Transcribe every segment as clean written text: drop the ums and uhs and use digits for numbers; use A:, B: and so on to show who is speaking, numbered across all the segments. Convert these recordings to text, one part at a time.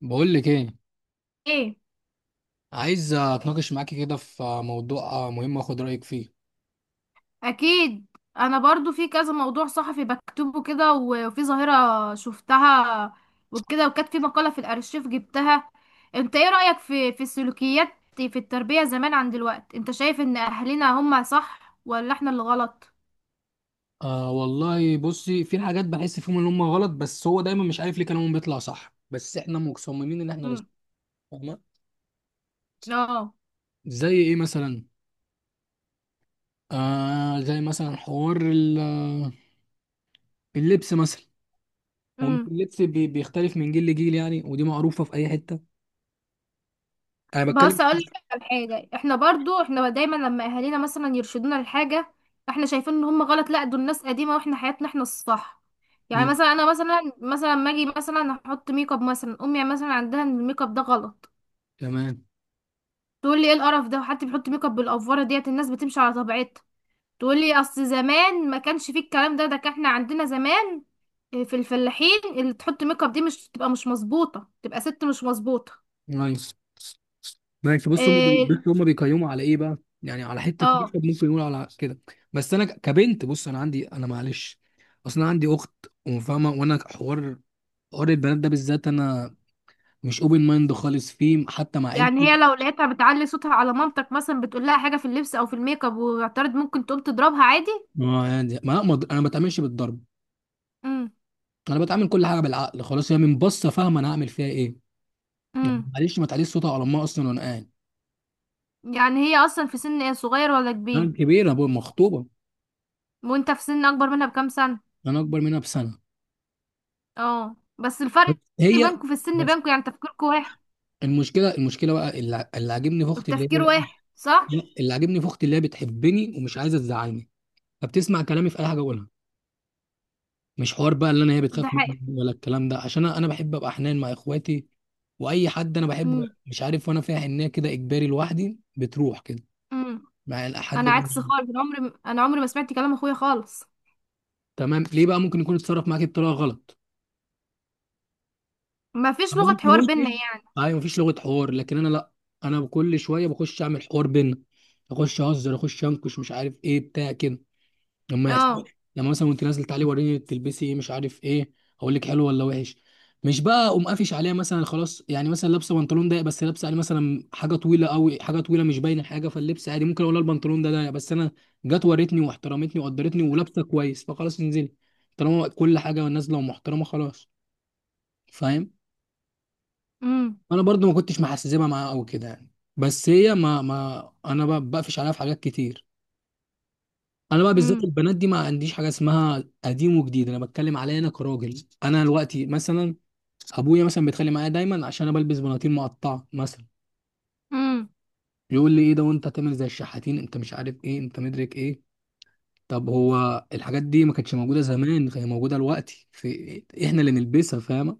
A: بقول لك ايه،
B: ايه.
A: عايز اتناقش معاكي كده في موضوع مهم واخد رايك فيه.
B: اكيد. انا برضو في كذا موضوع صحفي بكتبه كده، وفي ظاهرة شفتها وكده، وكانت في مقالة في الارشيف جبتها. انت ايه رأيك في السلوكيات، في التربية زمان عن دلوقت؟ انت شايف ان اهلنا هم صح ولا احنا اللي غلط؟
A: آه والله، بصي، في حاجات بحس فيهم ان هم غلط، بس هو دايما مش عارف ليه كلامهم بيطلع صح بس احنا مصممين ان احنا اللي صح،
B: امم.
A: فاهمه؟
B: اه.
A: زي ايه مثلا؟ آه، زي مثلا حوار اللبس مثلا. هو مش اللبس بيختلف من جيل لجيل، يعني ودي معروفه في اي حته. انا بتكلم.
B: بص اقول لك على حاجه، احنا برضو احنا دايما لما اهالينا مثلا يرشدونا لحاجه، احنا شايفين ان هم غلط، لا دول ناس قديمه واحنا حياتنا احنا الصح. يعني
A: مم،
B: مثلا انا مثلا ما اجي مثلا احط ميك اب، مثلا امي مثلا عندها ان الميك اب ده غلط.
A: تمام.
B: تقول لي ايه القرف ده، حد بيحط ميك اب، بالافوره ديت الناس بتمشي على طبيعتها. تقول لي اصل زمان ما كانش فيه الكلام ده كان احنا عندنا زمان في الفلاحين اللي تحط ميك اب دي مش تبقى مش مظبوطه، تبقى ست مش مظبوطه.
A: نايس. ماشي، بص هم
B: إيه،
A: بص هم بيقيموا على ايه بقى، يعني على حته
B: اه.
A: مكتب ممكن يقول على كده. بس انا كبنت، بص انا عندي، انا معلش، اصلا عندي اخت وفاهمه، وانا حوار البنات ده بالذات انا مش اوبن مايند خالص فيه حتى مع
B: يعني
A: عيلتي.
B: هي لو لقيتها بتعلي صوتها على مامتك مثلا، بتقول لها حاجة في اللبس او في الميك اب واعترض، ممكن تقوم تضربها عادي؟
A: ما يعني انا ما بتعاملش بالضرب.
B: امم،
A: انا بتعامل كل حاجه بالعقل، خلاص هي من بصه فاهمه انا هعمل فيها ايه. يعني
B: امم.
A: معلش ما تعليش صوتها على امها اصلا وانا قاعد.
B: يعني هي اصلا في سن ايه، صغير ولا
A: انا
B: كبير؟
A: كبيره، أبويا مخطوبه.
B: وانت في سن اكبر منها بكام سنة؟
A: انا اكبر منها بسنه.
B: اه بس الفرق
A: بس هي.
B: بينكم في السن،
A: بس
B: بينكم يعني تفكيركم واحد.
A: المشكله بقى اللي عاجبني في اختي اللي
B: التفكير
A: هي،
B: واحد، صح.
A: يعني اللي عاجبني في اختي اللي هي بتحبني ومش عايزه تزعلني، فبتسمع كلامي في اي حاجه اقولها. مش حوار بقى اللي انا هي بتخاف
B: ده حقيقي.
A: مني ولا الكلام ده، عشان انا بحب ابقى حنان مع اخواتي. واي حد انا بحبه،
B: امم.
A: مش عارف، وانا فيها حنيه كده اجباري لوحدي بتروح كده.
B: امم.
A: مع الحد
B: انا
A: اللي
B: عكس خالص، انا عمري ما سمعت كلام اخويا خالص.
A: تمام، ليه بقى؟ ممكن يكون اتصرف معاك بطريقه غلط.
B: ما فيش
A: طب
B: لغة
A: ممكن
B: حوار بينا
A: ممكن
B: يعني.
A: ايوه مفيش لغه حوار لكن انا لا. انا كل شويه بخش اعمل حوار بينا، اخش اهزر اخش انكش مش عارف ايه بتاع كده. لما يحصل،
B: اه.
A: لما مثلا وانت نازل تعالي وريني بتلبسي ايه مش عارف ايه، هقول لك حلو ولا وحش. مش بقى اقوم قافش عليها مثلا، خلاص يعني مثلا لابسه بنطلون ضيق بس لابسه عليه مثلا حاجه طويله قوي، حاجه طويله مش باينه حاجه، فاللبس عادي ممكن اقول لها البنطلون ده ضيق، بس انا جت وريتني واحترمتني وقدرتني ولابسه كويس فخلاص انزلي. طالما كل حاجه نازله ومحترمه خلاص. فاهم؟
B: امم.
A: انا برضو ما كنتش محسسبها معاها قوي كده يعني، بس هي ما ما انا بقى بقفش عليها في حاجات كتير. انا بقى بالذات
B: امم.
A: البنات دي ما عنديش حاجه اسمها قديم وجديد، انا بتكلم عليا انا كراجل انا دلوقتي مثلا، ابويا مثلا بيتخانق معايا دايما عشان انا بلبس بناطيل مقطعه مثلا، يقول لي ايه ده وانت تعمل زي الشحاتين، انت مش عارف ايه، انت مدرك ايه. طب هو الحاجات دي ما كانتش موجوده زمان، هي موجوده دلوقتي في احنا اللي نلبسها، فاهمه؟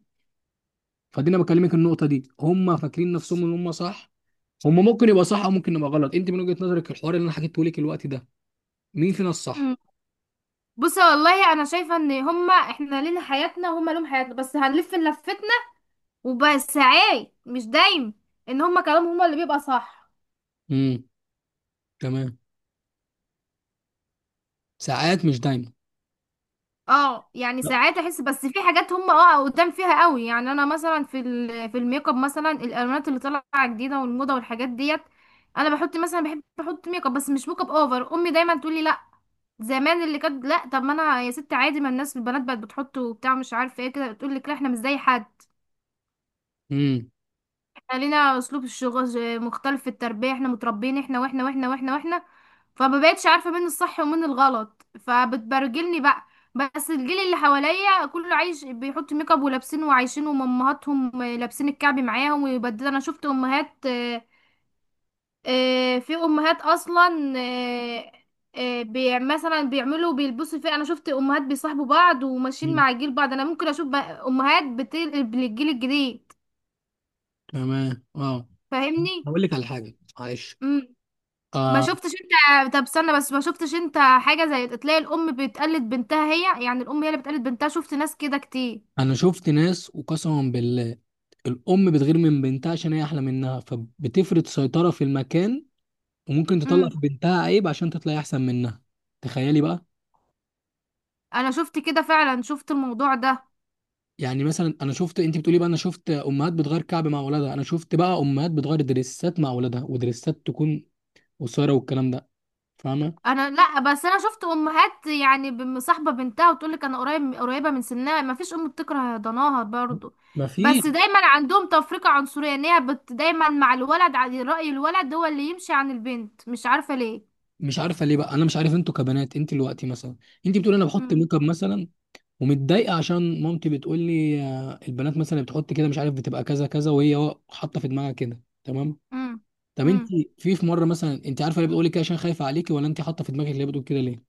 A: فدي انا بكلمك النقطه دي، هم فاكرين نفسهم ان هم صح. هم ممكن يبقى صح او ممكن يبقى غلط، انت من وجهه نظرك الحوار اللي انا حكيته لك الوقت ده، مين فينا الصح؟
B: امم. بصي والله انا شايفه ان هما، احنا لينا حياتنا وهما لهم حياتنا، بس هنلف لفتنا. وبس ساعات مش دايم، ان هما كلامهم هما اللي بيبقى صح.
A: امم، تمام. ساعات مش دايما.
B: اه يعني ساعات احس، بس في حاجات هما قدام فيها قوي. يعني انا مثلا في الميك اب مثلا، الالوانات اللي طالعه جديده والموضه والحاجات ديت. انا بحط مثلا، بحب احط ميك اب، بس مش ميك اب اوفر. امي دايما تقول لي لا، زمان اللي كانت لا، طب ما انا يا ست عادي، ما الناس البنات بقت بتحط وبتاع مش عارفه ايه. كده تقول لك لا، احنا مش زي حد،
A: امم،
B: لينا اسلوب. الشغل مختلف في التربيه، احنا متربيين احنا واحنا واحنا واحنا واحنا. فما بقتش عارفه مين الصح ومين الغلط، فبتبرجلني بقى. بس الجيل اللي حواليا كله عايش بيحط ميك اب ولابسين وعايشين، وامهاتهم لابسين الكعب معاهم ويبدل، انا شفت امهات. في امهات اصلا، مثلا بيعملوا بيلبسوا فيه، انا شفت امهات بيصاحبوا بعض وماشيين مع جيل بعض. انا ممكن اشوف بقى امهات بتقلب للجيل الجديد.
A: تمام. اه،
B: فاهمني؟
A: هقول لك على حاجه معلش.
B: امم. ما
A: آه،
B: شفتش انت، طب استنى بس، ما شفتش انت حاجة زي تلاقي الأم بتقلد بنتها، هي يعني الأم هي اللي بتقلد بنتها؟ شفت ناس كده كتير.
A: انا شفت ناس وقسما بالله، الام بتغير من بنتها عشان هي احلى منها فبتفرض سيطره في المكان، وممكن تطلع
B: امم.
A: في بنتها عيب عشان تطلع احسن منها. تخيلي بقى.
B: انا شفت كده فعلا، شفت الموضوع ده.
A: يعني مثلا، انا شفت، انت بتقولي بقى انا شفت امهات بتغير كعب مع اولادها، انا شفت بقى امهات بتغير دريسات مع اولادها، ودريسات تكون قصيره والكلام ده. فاهمه؟
B: انا لا، بس انا شفت امهات يعني مصاحبة بنتها وتقولك انا قريبة من سنها، ما فيش ام بتكره ضناها برضو.
A: ما في.
B: بس دايما عندهم تفرقة عنصرية، ان هي دايما مع الولد، على رأي الولد هو اللي يمشي عن البنت، مش عارفة ليه.
A: مش عارفه ليه بقى، انا مش عارف انتوا كبنات، انت دلوقتي مثلا، انت بتقولي انا بحط
B: امم.
A: ميك اب مثلا، ومتضايقه عشان مامتي بتقول لي آه، البنات مثلا بتحط كده مش عارف، بتبقى كذا كذا وهي حاطه في دماغها كده، تمام.
B: امم.
A: طب انت،
B: امم.
A: في مره مثلا انت عارفه ليه بتقولي كده؟ عشان خايفه عليكي ولا انت حاطه في دماغك، ليه بتقول كده ليه؟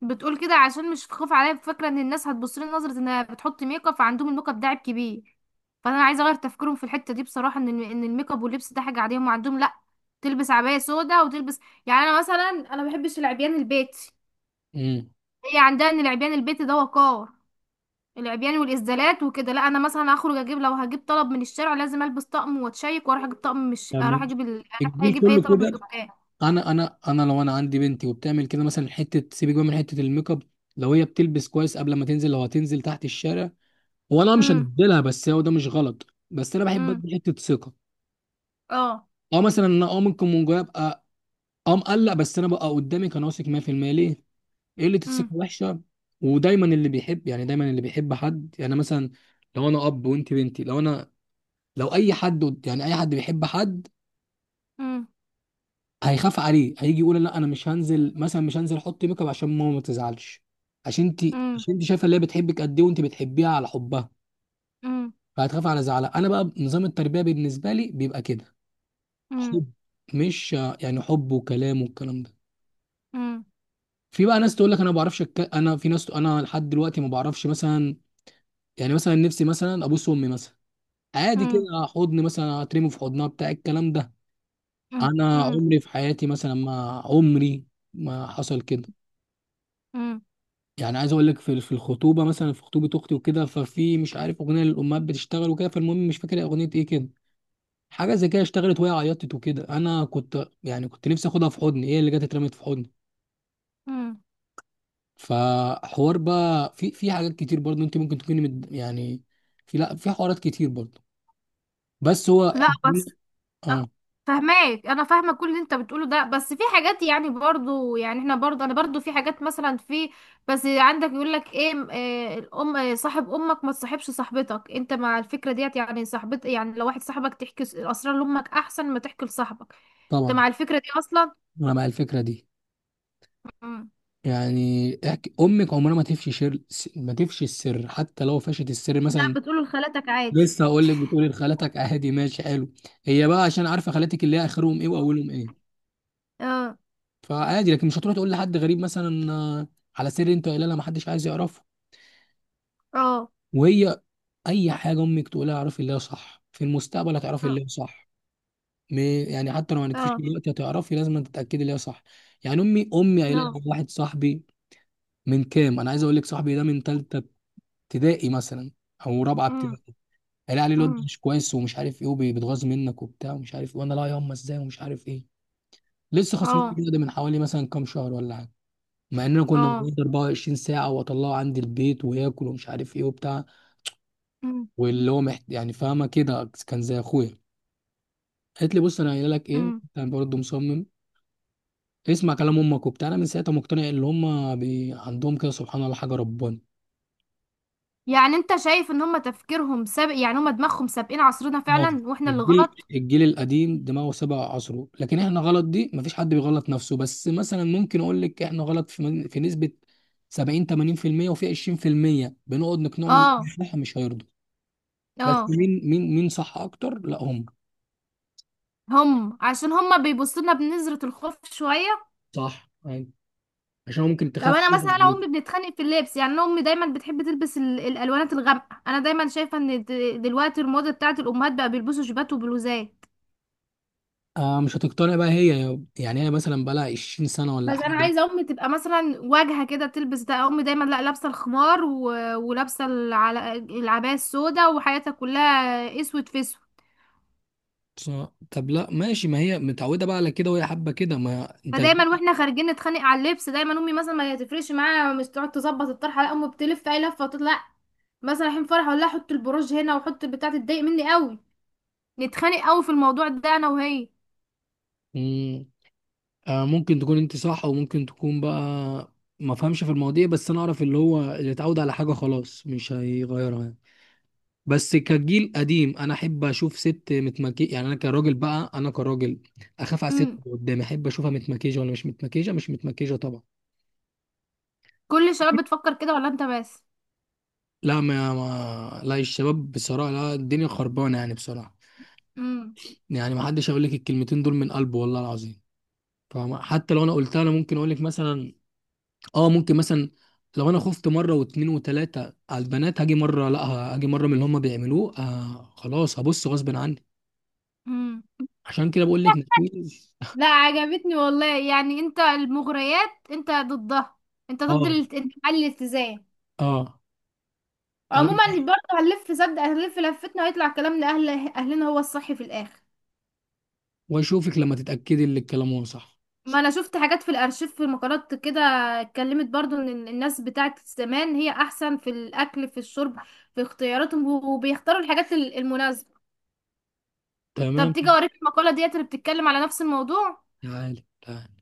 B: بتقول كده عشان مش خاف عليا، فاكره ان الناس هتبص لي نظره انها بتحط ميك اب، فعندهم الميك اب ده عيب كبير. فانا عايزه اغير تفكيرهم في الحته دي بصراحه، ان ان الميك اب واللبس ده حاجه عاديه. هم عندهم لا، تلبس عبايه سودا وتلبس. يعني انا ما بحبش العبيان البيتي.
A: امم،
B: هي عندها ان العبيان البيتي ده وقار، العبيان والازدالات وكده. لا انا مثلا هخرج اجيب، لو هجيب طلب من الشارع لازم البس طقم واتشيك واروح اجيب طقم، مش اروح
A: تمام.
B: اجيب اروح
A: الجيل
B: اجيب اي
A: كله
B: طلب من
A: كده.
B: الدكان.
A: انا لو انا عندي بنتي وبتعمل كده مثلا، حته سيبك بقى من حته الميك اب، لو هي بتلبس كويس قبل ما تنزل، لو هتنزل تحت الشارع وانا مش
B: امم.
A: هديلها، بس هو ده مش غلط، بس انا بحب
B: امم.
A: ادي حته ثقه.
B: اه.
A: اه مثلا انا، ممكن من جوايا ابقى اه مقلق، بس انا بقى قدامك انا واثق 100% ليه؟ قلة
B: امم.
A: الثقة وحشة. ودايما اللي بيحب، يعني دايما اللي بيحب حد، يعني مثلا لو انا اب وانت بنتي، لو انا، لو اي حد يعني اي حد بيحب حد
B: امم.
A: هيخاف عليه، هيجي يقول لا انا مش هنزل مثلا، مش هنزل احط ميك اب عشان ماما ما تزعلش، عشان انت،
B: امم.
A: عشان انت شايفه اللي هي بتحبك قد ايه وانت بتحبيها على حبها، فهتخاف على زعلها. انا بقى نظام التربيه بالنسبه لي بيبقى كده،
B: امم.
A: حب. مش يعني حب وكلام والكلام ده.
B: امم.
A: في بقى ناس تقول لك انا ما بعرفش انا في ناس انا لحد دلوقتي ما بعرفش مثلا، يعني مثلا نفسي مثلا ابوس امي مثلا، عادي كده،
B: مم.
A: حضن مثلا هترمي في حضنها بتاع الكلام ده،
B: مم.
A: انا
B: مم.
A: عمري في حياتي مثلا، ما عمري ما حصل كده.
B: مم.
A: يعني عايز اقول لك في الخطوبه مثلا، في خطوبه اختي وكده، ففي مش عارف اغنيه للامهات بتشتغل وكده، فالمهم مش فاكر اغنيه ايه كده، حاجه زي كده اشتغلت وهي عيطت وكده، انا كنت نفسي اخدها في حضني، هي اللي جت اترمت في حضني.
B: مم.
A: فحوار بقى في حاجات كتير برضه، انت ممكن تكوني يعني في، لا في حوارات كتير برضه، بس هو
B: لا
A: احنا.
B: بس أ-
A: اه،
B: فهماك، انا فاهمه كل اللي انت بتقوله ده، بس في حاجات يعني برضو يعني احنا برضو انا برضو في حاجات مثلا في. بس عندك يقول لك ايه الام، صاحب امك ما تصاحبش صاحبتك، انت مع الفكره ديت؟ يعني صاحبت، يعني لو واحد صاحبك تحكي الاسرار لامك احسن ما تحكي لصاحبك، انت
A: طبعا.
B: مع الفكره دي اصلا؟
A: انا مع الفكره دي،
B: مم.
A: يعني احكي امك عمرها ما تفشي شر، ما تفشي السر، حتى لو فشت السر
B: ده
A: مثلا.
B: بتقوله لخالتك عادي؟
A: لسه هقول لك، بتقولي لخالتك عادي، ماشي حلو، هي بقى عشان عارفه خالاتك اللي هي اخرهم ايه واولهم ايه،
B: اه.
A: فعادي، لكن مش هتروح تقول لحد غريب مثلا آه، على سر انت قايلها لها ما حدش عايز يعرفه.
B: اه.
A: وهي، اي حاجه امك تقولها اعرفي اللي هي صح، في المستقبل هتعرفي
B: اه.
A: اللي هي صح. م- يعني حتى لو ما
B: اه.
A: نكفيش
B: آه.
A: دلوقتي، هتعرفي لازم تتاكدي اللي هي صح. يعني امي قايله
B: آه.
A: لها واحد صاحبي، من كام، انا عايز اقول لك صاحبي ده من ثالثه ابتدائي مثلا او رابعه
B: مم.
A: ابتدائي، قال عليه الواد ده
B: مم.
A: مش كويس ومش عارف ايه وبيتغاظ منك وبتاع ومش عارف ايه، وانا لا، ياما ازاي ومش عارف ايه. لسه خسران
B: اه.
A: الجيم ده من حوالي مثلا كام شهر ولا حاجه، مع اننا كنا
B: اه.
A: بنقعد 24 ساعه، واطلعه عندي البيت وياكل ومش عارف ايه وبتاع،
B: مم.
A: واللي هو يعني فاهمه كده كان زي اخويا. قالت لي بص انا قايله لك ايه،
B: مم.
A: كان برضه مصمم، اسمع كلام امك وبتاع، انا من ساعتها مقتنع ان هم عندهم كده سبحان الله حاجه ربنا.
B: يعني انت شايف ان هما تفكيرهم سابق، يعني هما دماغهم سابقين عصرنا
A: آه.
B: فعلا، واحنا اللي
A: الجيل
B: غلط؟
A: الجيل القديم دماغه سبع عصره، لكن احنا غلط دي مفيش حد بيغلط نفسه، بس مثلا ممكن اقول لك احنا غلط في في نسبة 70 80%، وفي 20% بنقعد نقنعهم إن
B: اه.
A: احنا مش هيرضوا. بس
B: اه.
A: مين صح اكتر؟ لا هم.
B: هم عشان هما بيبصوا لنا بنظرة الخوف شوية.
A: صح أيوة. عشان ممكن
B: طب
A: تخاف
B: انا
A: فيهم
B: مثلا انا وامي
A: عليك.
B: بنتخانق في اللبس. يعني انا امي دايما بتحب تلبس الالوانات الغامقة. انا دايما شايفة ان دلوقتي الموضة بتاعت الامهات بقى بيلبسوا جيبات وبلوزات.
A: آه، مش هتقتنع بقى هي، يعني هي مثلا بقى لها 20 سنة ولا
B: بس انا
A: حاجة.
B: عايزة امي تبقى مثلا واجهة كده تلبس ده. امي دايما لا، لابسة الخمار ولابسة العباية السوداء، وحياتها كلها اسود في اسود.
A: صح. طب لا ماشي، ما هي متعودة بقى على كده وهي حابة كده، ما انت.
B: فدايما واحنا خارجين نتخانق على اللبس، دايما امي مثلا ما تفرقش معايا، مش تقعد تظبط الطرحه لا، امي بتلف اي لفه وتطلع، مثلا رايحين فرح ولا حط البروج هنا وحط بتاع، تضايق مني قوي. نتخانق قوي في الموضوع ده، انا وهي.
A: مم. آه، ممكن تكون انت صح او ممكن تكون بقى ما فهمش في المواضيع، بس انا اعرف اللي هو اللي اتعود على حاجه خلاص مش هيغيرها يعني. بس كجيل قديم انا احب اشوف ست متمكي، يعني انا كراجل بقى، انا كراجل اخاف على الست
B: امم.
A: اللي قدامي، احب اشوفها متمكيجه ولا مش متمكيجه؟ مش متمكيجه طبعا.
B: كل الشباب بتفكر كده ولا انت بس؟
A: لا ما, ما لا الشباب بصراحه، لا الدنيا خربانه يعني بصراحه،
B: امم.
A: يعني ما حدش هيقول لك الكلمتين دول من قلبه والله العظيم. فحتى لو انا قلتها، انا ممكن اقول لك مثلا اه، ممكن مثلا لو انا خفت مره واتنين وتلاته على البنات، هاجي مره لا، هاجي مره من اللي هم بيعملوه آه خلاص هبص غصب عني.
B: امم.
A: عشان كده بقول لك مفيش.
B: لا عجبتني والله، يعني انت المغريات انت ضدها. انت ضد
A: اه.
B: انتماء الالتزام.
A: اه. انا.
B: عموما برضه هنلف، صدق هنلف لفتنا، وهيطلع كلام لاهل اهلنا هو الصح في الاخر.
A: واشوفك لما تتاكدي ان الكلام هو صح.
B: ما انا شفت حاجات في الارشيف في مقالات كده، اتكلمت برضو ان الناس بتاعت زمان هي احسن في الاكل في الشرب في اختياراتهم، وبيختاروا الحاجات المناسبة. طب
A: تمام.
B: تيجي اوريك المقالة ديت اللي بتتكلم على نفس الموضوع؟
A: تعالي تعالي.